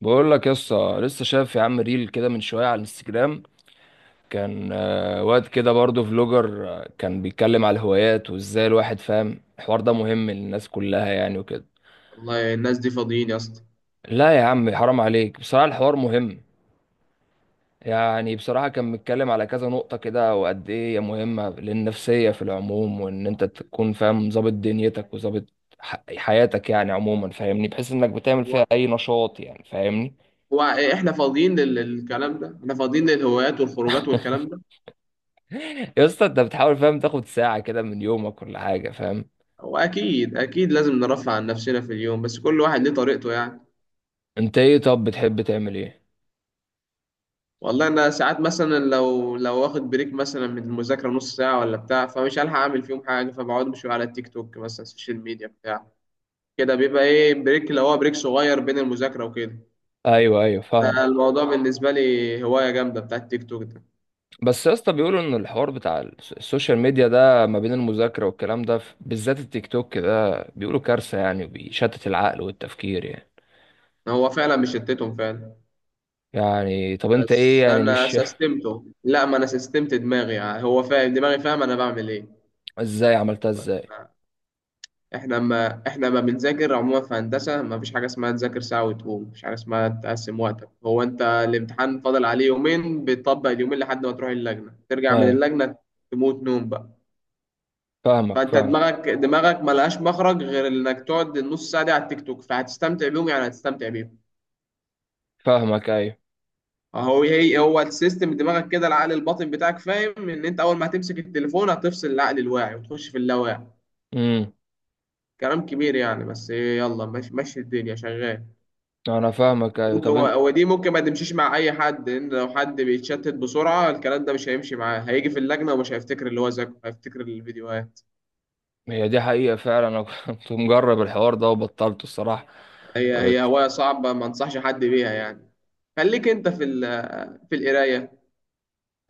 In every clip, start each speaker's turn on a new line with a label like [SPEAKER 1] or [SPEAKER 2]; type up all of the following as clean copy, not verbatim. [SPEAKER 1] بقول لك يا اسطى لسه شايف يا عم ريل كده من شويه على الانستجرام. كان واد كده برضه فلوجر، كان بيتكلم على الهوايات وازاي الواحد فاهم الحوار ده مهم للناس كلها يعني وكده.
[SPEAKER 2] والله الناس دي فاضيين يا اسطى.
[SPEAKER 1] لا يا عم، حرام عليك، بصراحه الحوار مهم. يعني بصراحه كان بيتكلم على كذا نقطه كده وقد ايه هي مهمه للنفسيه في العموم، وان انت تكون فاهم ظابط دنيتك وظابط حياتك يعني عموما، فاهمني، بحيث انك بتعمل
[SPEAKER 2] هو
[SPEAKER 1] فيها اي نشاط يعني، فاهمني.
[SPEAKER 2] هو احنا فاضيين للكلام ده؟ احنا فاضيين للهوايات والخروجات والكلام ده؟
[SPEAKER 1] يا اسطى انت بتحاول فاهم تاخد ساعة كده من يومك ولا حاجة، فاهم.
[SPEAKER 2] هو اكيد لازم نرفع عن نفسنا في اليوم، بس كل واحد ليه طريقته يعني.
[SPEAKER 1] انت ايه طب بتحب تعمل ايه؟
[SPEAKER 2] والله انا ساعات مثلا لو واخد بريك مثلا من المذاكره نص ساعه ولا بتاع، فمش هلحق اعمل فيهم حاجه، فبقعد بشويه على التيك توك مثلا، السوشيال ميديا بتاع كده. بيبقى ايه، بريك اللي هو بريك صغير بين المذاكره وكده.
[SPEAKER 1] ايوه ايوه فاهمه.
[SPEAKER 2] ده الموضوع بالنسبه لي هوايه جامده بتاع التيك توك ده.
[SPEAKER 1] بس يا اسطى بيقولوا ان الحوار بتاع السوشيال ميديا ده ما بين المذاكره والكلام ده بالذات التيك توك ده بيقولوا كارثه يعني وبيشتت العقل والتفكير يعني.
[SPEAKER 2] هو فعلا مشتتهم فعلا.
[SPEAKER 1] يعني طب انت ايه
[SPEAKER 2] بس
[SPEAKER 1] يعني
[SPEAKER 2] انا
[SPEAKER 1] مش
[SPEAKER 2] سستمته، لا ما انا سستمت دماغي يعني، هو فاهم دماغي، فاهم انا بعمل ايه.
[SPEAKER 1] ازاي عملتها ازاي؟
[SPEAKER 2] احنا ما بنذاكر عموما في هندسه، ما فيش حاجه اسمها تذاكر ساعه وتقوم، مفيش حاجه اسمها تقسم وقتك، هو انت الامتحان فاضل عليه يومين بتطبق اليومين لحد ما تروح اللجنه، ترجع من
[SPEAKER 1] ايوه
[SPEAKER 2] اللجنه تموت نوم بقى.
[SPEAKER 1] فاهمك
[SPEAKER 2] فانت
[SPEAKER 1] فاهم.
[SPEAKER 2] دماغك ما لهاش مخرج غير انك تقعد النص ساعه دي على التيك توك، فهتستمتع بيهم يعني هتستمتع بيهم.
[SPEAKER 1] فاهمك ايوه.
[SPEAKER 2] هو هي ايه، هو السيستم دماغك كده، العقل الباطن بتاعك فاهم ان انت اول ما هتمسك التليفون هتفصل العقل الواعي وتخش في اللاواعي.
[SPEAKER 1] امم.
[SPEAKER 2] كلام كبير يعني بس إيه، يلا ماشي ماشي الدنيا شغال.
[SPEAKER 1] انا فاهمك ايوه
[SPEAKER 2] ممكن
[SPEAKER 1] طب
[SPEAKER 2] هو
[SPEAKER 1] انت.
[SPEAKER 2] هو دي ممكن ما تمشيش مع اي حد، لان لو حد بيتشتت بسرعه الكلام ده مش هيمشي معاه، هيجي في اللجنه ومش هيفتكر اللي هو ذاكره، هيفتكر الفيديوهات.
[SPEAKER 1] هي دي حقيقه فعلا، انا كنت مجرب الحوار ده وبطلته الصراحه.
[SPEAKER 2] هي هوايه صعبه ما انصحش حد بيها يعني. خليك انت في القرايه.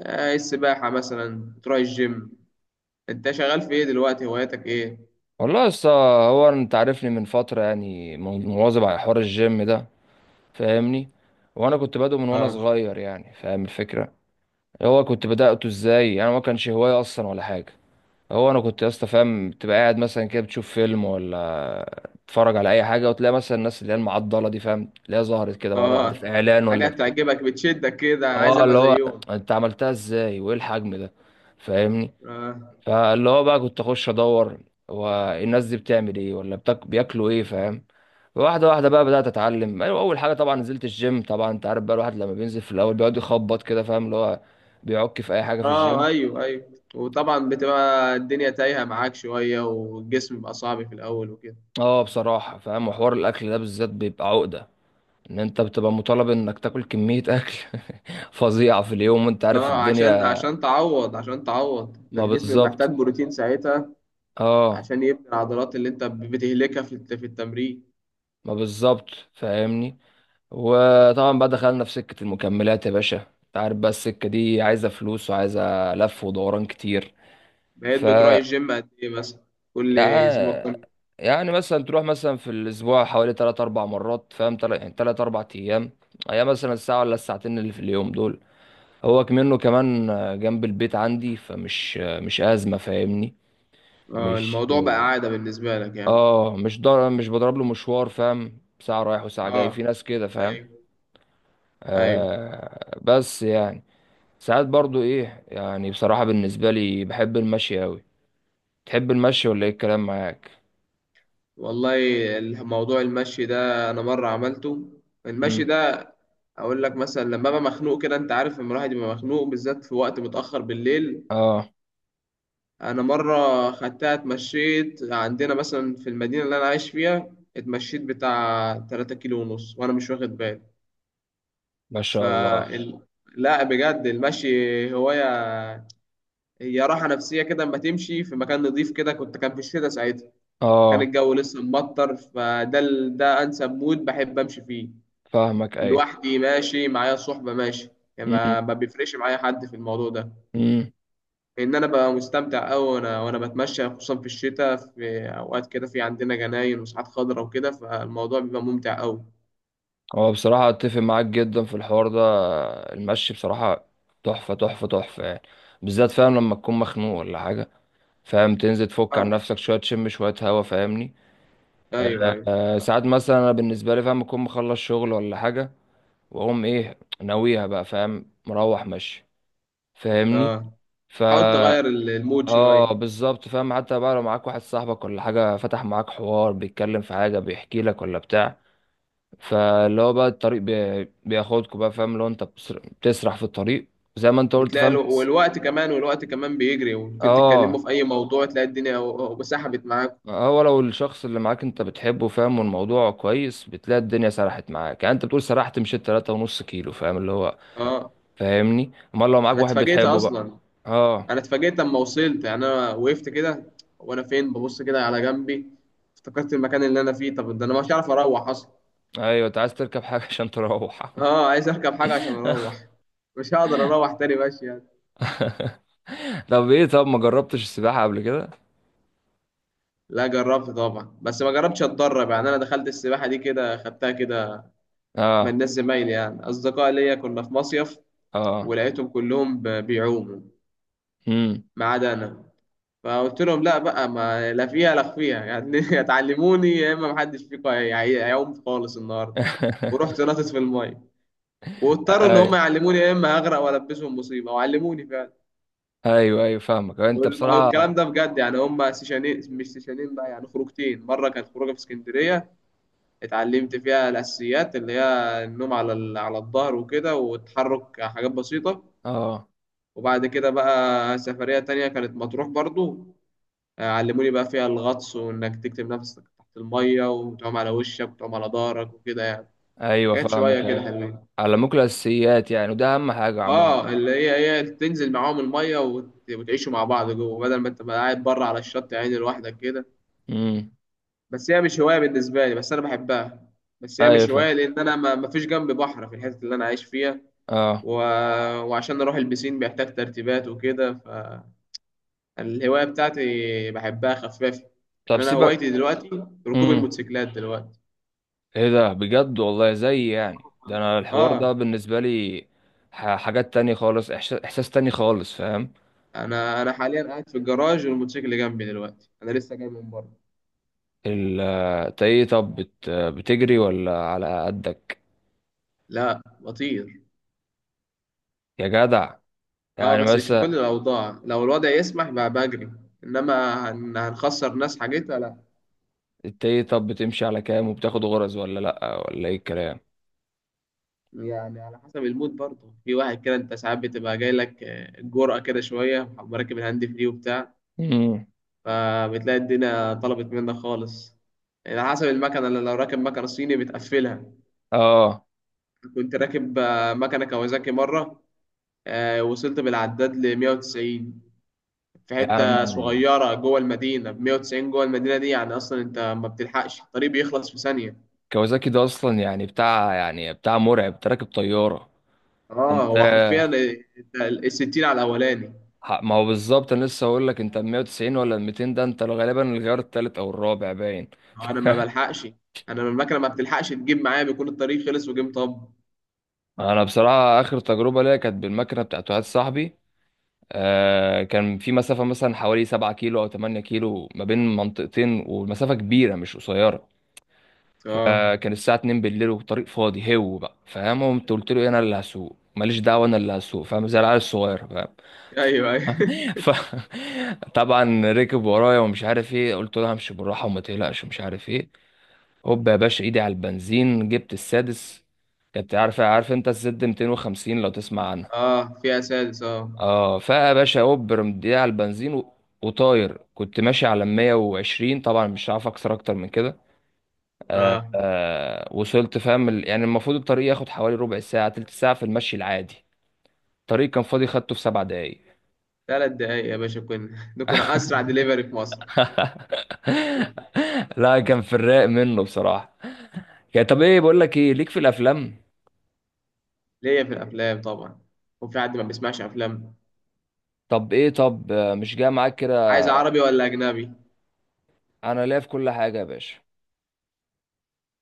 [SPEAKER 2] آه، السباحه مثلا، تروح الجيم. انت شغال في ايه دلوقتي؟ هواياتك ايه؟
[SPEAKER 1] والله يا اسطى، هو انت عارفني من فتره يعني مواظب على حوار الجيم ده، فاهمني. وانا كنت بادئه من وانا
[SPEAKER 2] اه.
[SPEAKER 1] صغير يعني، فاهم الفكره. هو كنت بدأته ازاي؟ انا ما كانش هوايه اصلا ولا حاجه. هو انا كنت يا اسطى فاهم تبقى قاعد مثلا كده بتشوف فيلم ولا تتفرج على اي حاجه، وتلاقي مثلا الناس اللي هي المعضله دي، فاهم، تلاقيها ظهرت كده مره واحده في
[SPEAKER 2] اه.
[SPEAKER 1] اعلان ولا
[SPEAKER 2] حاجة
[SPEAKER 1] بتاع.
[SPEAKER 2] تعجبك بتشدك كده، عايز
[SPEAKER 1] اه اللي
[SPEAKER 2] ابقى
[SPEAKER 1] هو
[SPEAKER 2] زيهم.
[SPEAKER 1] انت عملتها ازاي، وايه الحجم ده، فاهمني.
[SPEAKER 2] اه.
[SPEAKER 1] فاللي هو بقى كنت اخش ادور هو الناس دي بتعمل ايه ولا بياكلوا ايه، فاهم. واحده واحده بقى بدات اتعلم، أيوة، اول حاجه طبعا نزلت الجيم. طبعا انت عارف بقى الواحد لما بينزل في الاول بيقعد يخبط كده، فاهم اللي هو بيعك في اي حاجه في
[SPEAKER 2] اه.
[SPEAKER 1] الجيم.
[SPEAKER 2] ايوه ايوه، وطبعا بتبقى الدنيا تايهة معاك شوية والجسم بيبقى صعب في الاول وكده.
[SPEAKER 1] اه بصراحه فاهم، وحوار الاكل ده بالذات بيبقى عقده، ان انت بتبقى مطالب انك تاكل كميه اكل فظيعه في اليوم، وانت عارف
[SPEAKER 2] اه، عشان
[SPEAKER 1] الدنيا.
[SPEAKER 2] عشان تعوض، عشان تعوض
[SPEAKER 1] ما
[SPEAKER 2] الجسم
[SPEAKER 1] بالظبط.
[SPEAKER 2] بيحتاج بروتين ساعتها.
[SPEAKER 1] اه
[SPEAKER 2] عشان يبني العضلات اللي انت بتهلكها في التمرين.
[SPEAKER 1] ما بالظبط، فاهمني. وطبعا بقى دخلنا في سكة المكملات يا باشا، انت عارف بقى السكة دي عايزة فلوس وعايزة لف ودوران كتير.
[SPEAKER 2] بقيت
[SPEAKER 1] ف
[SPEAKER 2] بتروح الجيم قد ايه مثلا؟ كل اسبوع
[SPEAKER 1] يع-
[SPEAKER 2] كم؟
[SPEAKER 1] يعني مثلا تروح مثلا في الأسبوع حوالي تلات أربع مرات، فاهم، يعني تلات أربع أيام. أيام مثلا الساعة ولا الساعتين اللي في اليوم دول. هو كمان جنب البيت عندي، فمش مش أزمة، فاهمني.
[SPEAKER 2] اه.
[SPEAKER 1] مش.
[SPEAKER 2] الموضوع بقى عادة بالنسبة لك يعني.
[SPEAKER 1] مش بضرب له مشوار، فاهم، ساعة رايح وساعة
[SPEAKER 2] اه
[SPEAKER 1] جاي في ناس كده، فاهم.
[SPEAKER 2] ايوه ايوه.
[SPEAKER 1] آه بس يعني ساعات برضو ايه يعني بصراحة بالنسبة لي بحب المشي اوي. تحب المشي ولا ايه الكلام معاك؟
[SPEAKER 2] والله الموضوع المشي ده انا مره عملته. المشي
[SPEAKER 1] امم.
[SPEAKER 2] ده، اقول لك مثلا لما ابقى مخنوق كده، انت عارف لما الواحد يبقى مخنوق بالذات في وقت متاخر بالليل.
[SPEAKER 1] اه.
[SPEAKER 2] انا مره خدتها اتمشيت عندنا مثلا في المدينه اللي انا عايش فيها، اتمشيت بتاع 3 كيلو ونص وانا مش واخد بالي.
[SPEAKER 1] ما
[SPEAKER 2] ف
[SPEAKER 1] شاء الله.
[SPEAKER 2] ال- لا بجد المشي هوايه، هي راحه نفسيه كده اما تمشي في مكان نظيف كده. كنت كان في الشتاء ساعتها، كان
[SPEAKER 1] اه
[SPEAKER 2] الجو لسه مبطر، ده انسب مود بحب امشي فيه.
[SPEAKER 1] فاهمك ايوه.
[SPEAKER 2] لوحدي ماشي، معايا صحبة ماشي، يعني
[SPEAKER 1] امم.
[SPEAKER 2] ما بيفرقش معايا حد في الموضوع ده.
[SPEAKER 1] امم.
[SPEAKER 2] لأن أنا ببقى مستمتع أوي، وأنا بتمشى خصوصا في الشتاء، في أوقات كده في عندنا جناين وساعات خضرا وكده، فالموضوع بيبقى ممتع أوي.
[SPEAKER 1] هو بصراحة اتفق معاك جدا في الحوار ده. المشي بصراحة تحفة تحفة تحفة يعني. بالذات فاهم لما تكون مخنوق ولا حاجة، فاهم، تنزل تفك عن
[SPEAKER 2] آه
[SPEAKER 1] نفسك شوية تشم شوية هوا، فاهمني.
[SPEAKER 2] أيوه
[SPEAKER 1] آه
[SPEAKER 2] أيوه
[SPEAKER 1] آه
[SPEAKER 2] صح.
[SPEAKER 1] ساعات مثلا انا بالنسبة لي فاهم اكون مخلص شغل ولا حاجة، واقوم ايه ناويها بقى، فاهم، مروح مشي، فاهمني.
[SPEAKER 2] آه، حاول
[SPEAKER 1] فا
[SPEAKER 2] تغير المود شوية.
[SPEAKER 1] اه بالظبط، فاهم، حتى بقى لو معاك واحد صاحبك ولا حاجة فتح معاك حوار بيتكلم في حاجة بيحكي لك ولا بتاع، فاللي هو بقى الطريق بياخدكوا بقى، فاهم، لو انت بتسرح في الطريق زي ما انت قلت،
[SPEAKER 2] بتلاقي
[SPEAKER 1] فاهم.
[SPEAKER 2] والوقت كمان، والوقت كمان بيجري وممكن تتكلموا
[SPEAKER 1] اه،
[SPEAKER 2] في أي موضوع، تلاقي الدنيا وسحبت معاك.
[SPEAKER 1] هو لو الشخص اللي معاك انت بتحبه، فاهم، والموضوع كويس بتلاقي الدنيا سرحت معاك، يعني انت بتقول سرحت مشيت تلاتة ونص كيلو فاهم اللي هو،
[SPEAKER 2] آه.
[SPEAKER 1] فاهمني، امال لو معاك
[SPEAKER 2] أنا
[SPEAKER 1] واحد
[SPEAKER 2] اتفاجئت
[SPEAKER 1] بتحبه بقى.
[SPEAKER 2] أصلا،
[SPEAKER 1] اه.
[SPEAKER 2] انا اتفاجئت لما وصلت يعني، انا وقفت كده وانا فين، ببص كده على جنبي، افتكرت المكان اللي انا فيه، طب ده انا مش عارف اروح اصلا.
[SPEAKER 1] ايوه انت عايز تركب حاجة عشان تروح.
[SPEAKER 2] اه عايز اركب حاجه عشان اروح، مش هقدر اروح تاني ماشي يعني.
[SPEAKER 1] طب ايه، طب ما جربتش السباحة قبل كده؟
[SPEAKER 2] لا جربت طبعا، بس ما جربتش اتدرب يعني، انا دخلت السباحه دي كده خدتها كده من
[SPEAKER 1] اه.
[SPEAKER 2] ناس زمايلي يعني اصدقاء ليا، كنا في مصيف
[SPEAKER 1] اه.
[SPEAKER 2] ولقيتهم كلهم بيعوموا
[SPEAKER 1] امم.
[SPEAKER 2] ما عدا انا. فقلت لهم لا بقى، ما لا فيها لا فيها يعني، يا تعلموني يا اما محدش فيكم هيعوم خالص النهارده. ورحت نطت في الميه، واضطروا ان هم
[SPEAKER 1] ايوه
[SPEAKER 2] يعلموني يا اما هغرق والبسهم مصيبه، وعلموني فعلا.
[SPEAKER 1] ايوه ايوه فاهمك، انت بصراحه.
[SPEAKER 2] والكلام ده بجد يعني، هم سيشانين مش سيشانين بقى يعني، خروجتين. مره كانت خروجه في اسكندريه، اتعلمت فيها الاساسيات اللي هي النوم على على الظهر وكده والتحرك، حاجات بسيطه.
[SPEAKER 1] اه
[SPEAKER 2] وبعد كده بقى سفريه تانية كانت مطروح برضو، آه، علموني بقى فيها الغطس، وانك تكتم نفسك تحت الميه وتقوم على وشك وتقوم على ظهرك وكده يعني،
[SPEAKER 1] ايوه
[SPEAKER 2] حاجات
[SPEAKER 1] فاهمك
[SPEAKER 2] شويه كده
[SPEAKER 1] ايوه.
[SPEAKER 2] حلوين.
[SPEAKER 1] علموك الاساسيات يعني، وده اهم حاجه عموما.
[SPEAKER 2] اه، اللي هي هي تنزل معاهم الميه وتعيشوا مع بعض جوه بدل ما انت بقى قاعد بره على الشط يعني لوحدك كده.
[SPEAKER 1] امم.
[SPEAKER 2] بس هي مش هوايه بالنسبه لي، بس انا بحبها. بس هي
[SPEAKER 1] ايوه
[SPEAKER 2] مش
[SPEAKER 1] فاهم.
[SPEAKER 2] هوايه لان انا ما فيش جنبي بحر في الحته اللي انا عايش فيها.
[SPEAKER 1] اه.
[SPEAKER 2] و... وعشان اروح البسين بيحتاج ترتيبات وكده، فالهوايه بتاعتي بحبها خفافه.
[SPEAKER 1] طب
[SPEAKER 2] يعني انا
[SPEAKER 1] سيبك.
[SPEAKER 2] هوايتي دلوقتي ركوب
[SPEAKER 1] امم.
[SPEAKER 2] الموتوسيكلات دلوقتي.
[SPEAKER 1] ايه ده بجد، والله زي يعني ده انا الحوار ده
[SPEAKER 2] اه،
[SPEAKER 1] بالنسبه لي حاجات تانية خالص، احساس تاني خالص، فاهم.
[SPEAKER 2] انا حاليا قاعد في الجراج والموتوسيكل جنبي دلوقتي، انا لسه جاي من بره.
[SPEAKER 1] ال آه، إنت ايه طب بتجري ولا على قدك؟
[SPEAKER 2] لا بطير.
[SPEAKER 1] يا جدع،
[SPEAKER 2] اه
[SPEAKER 1] يعني
[SPEAKER 2] بس مش في كل
[SPEAKER 1] مثلا
[SPEAKER 2] الاوضاع، لو الوضع يسمح بقى بجري، انما هنخسر ناس حاجتها لا.
[SPEAKER 1] انت ايه طب بتمشي على كام، وبتاخد غرز ولا لأ ولا ايه الكلام؟
[SPEAKER 2] يعني على حسب المود برضه، في واحد كده انت ساعات بتبقى جاي لك آه، الجرأة كده شويه، مركب الهاند فري وبتاع،
[SPEAKER 1] امم.
[SPEAKER 2] فبتلاقي الدنيا طلبت منك خالص. يعني على حسب المكنه، اللي لو راكب مكنه صيني بتقفلها.
[SPEAKER 1] اه.
[SPEAKER 2] كنت راكب آه، مكنه كawasaki مره، آه، وصلت بالعداد ل 190 في
[SPEAKER 1] يا
[SPEAKER 2] حته
[SPEAKER 1] عم
[SPEAKER 2] صغيره جوه المدينه، ب 190 جوه المدينه دي يعني اصلا انت ما بتلحقش، الطريق بيخلص في ثانيه.
[SPEAKER 1] كوازاكي ده اصلا يعني بتاع، يعني بتاع مرعب، انت راكب طيارة.
[SPEAKER 2] اه
[SPEAKER 1] انت
[SPEAKER 2] هو حرفيا، انت الستين على الاولاني.
[SPEAKER 1] ما هو بالظبط، انا لسه هقول لك انت 190 ولا 200، ده انت غالبا الغيار التالت او الرابع باين.
[SPEAKER 2] هو انا ما بلحقش، انا المكنه ما بتلحقش تجيب معايا، بيكون الطريق خلص وجيم طب.
[SPEAKER 1] انا بصراحه اخر تجربه ليا كانت بالمكنه بتاعت واحد صاحبي. كان في مسافه مثلا حوالي 7 كيلو او 8 كيلو ما بين منطقتين، ومسافه كبيره مش قصيره.
[SPEAKER 2] اه
[SPEAKER 1] فكان الساعة 2 بالليل والطريق فاضي، هو بقى فاهم. قمت قلت له انا اللي هسوق، ماليش دعوة انا اللي هسوق فاهم، زي العيال الصغير، فاهم.
[SPEAKER 2] ايوه ايوه.
[SPEAKER 1] ف طبعا ركب ورايا ومش عارف ايه، قلت له همشي بالراحة وما تقلقش ومش عارف ايه. هوب يا باشا، ايدي على البنزين جبت السادس، كنت عارف انت الزد 250 لو تسمع عنها؟
[SPEAKER 2] اه فيها سادس اه.
[SPEAKER 1] اه. فيا باشا هوب رميت ايدي على البنزين و... وطاير، كنت ماشي على 120 طبعا، مش عارف اكسر اكتر من كده. آه
[SPEAKER 2] اه
[SPEAKER 1] آه وصلت، فاهم، يعني المفروض الطريق ياخد حوالي ربع ساعة تلت ساعة في المشي العادي. الطريق كان فاضي، خدته في سبع دقايق.
[SPEAKER 2] ثلاث دقايق يا باشا كنا، ده كنا اسرع دليفري في مصر.
[SPEAKER 1] لا كان في الرايق منه بصراحة. يعني طب ايه بقول لك، ايه ليك في الافلام؟
[SPEAKER 2] ليا في الافلام طبعا، وفي حد ما بيسمعش افلام؟
[SPEAKER 1] طب ايه، طب مش جاي معاك كده؟
[SPEAKER 2] عايز عربي ولا اجنبي؟
[SPEAKER 1] انا ليا في كل حاجة يا باشا.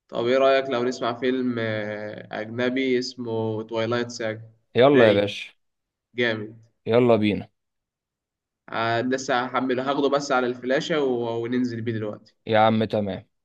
[SPEAKER 2] طب ايه رايك لو نسمع فيلم آه، اجنبي اسمه تويلايت ساج؟
[SPEAKER 1] يلا يا
[SPEAKER 2] رايق،
[SPEAKER 1] باشا.
[SPEAKER 2] جامد.
[SPEAKER 1] يلا بينا.
[SPEAKER 2] آه، لسه هحمله هاخده بس على الفلاشة وننزل بيه دلوقتي.
[SPEAKER 1] يا عم تمام.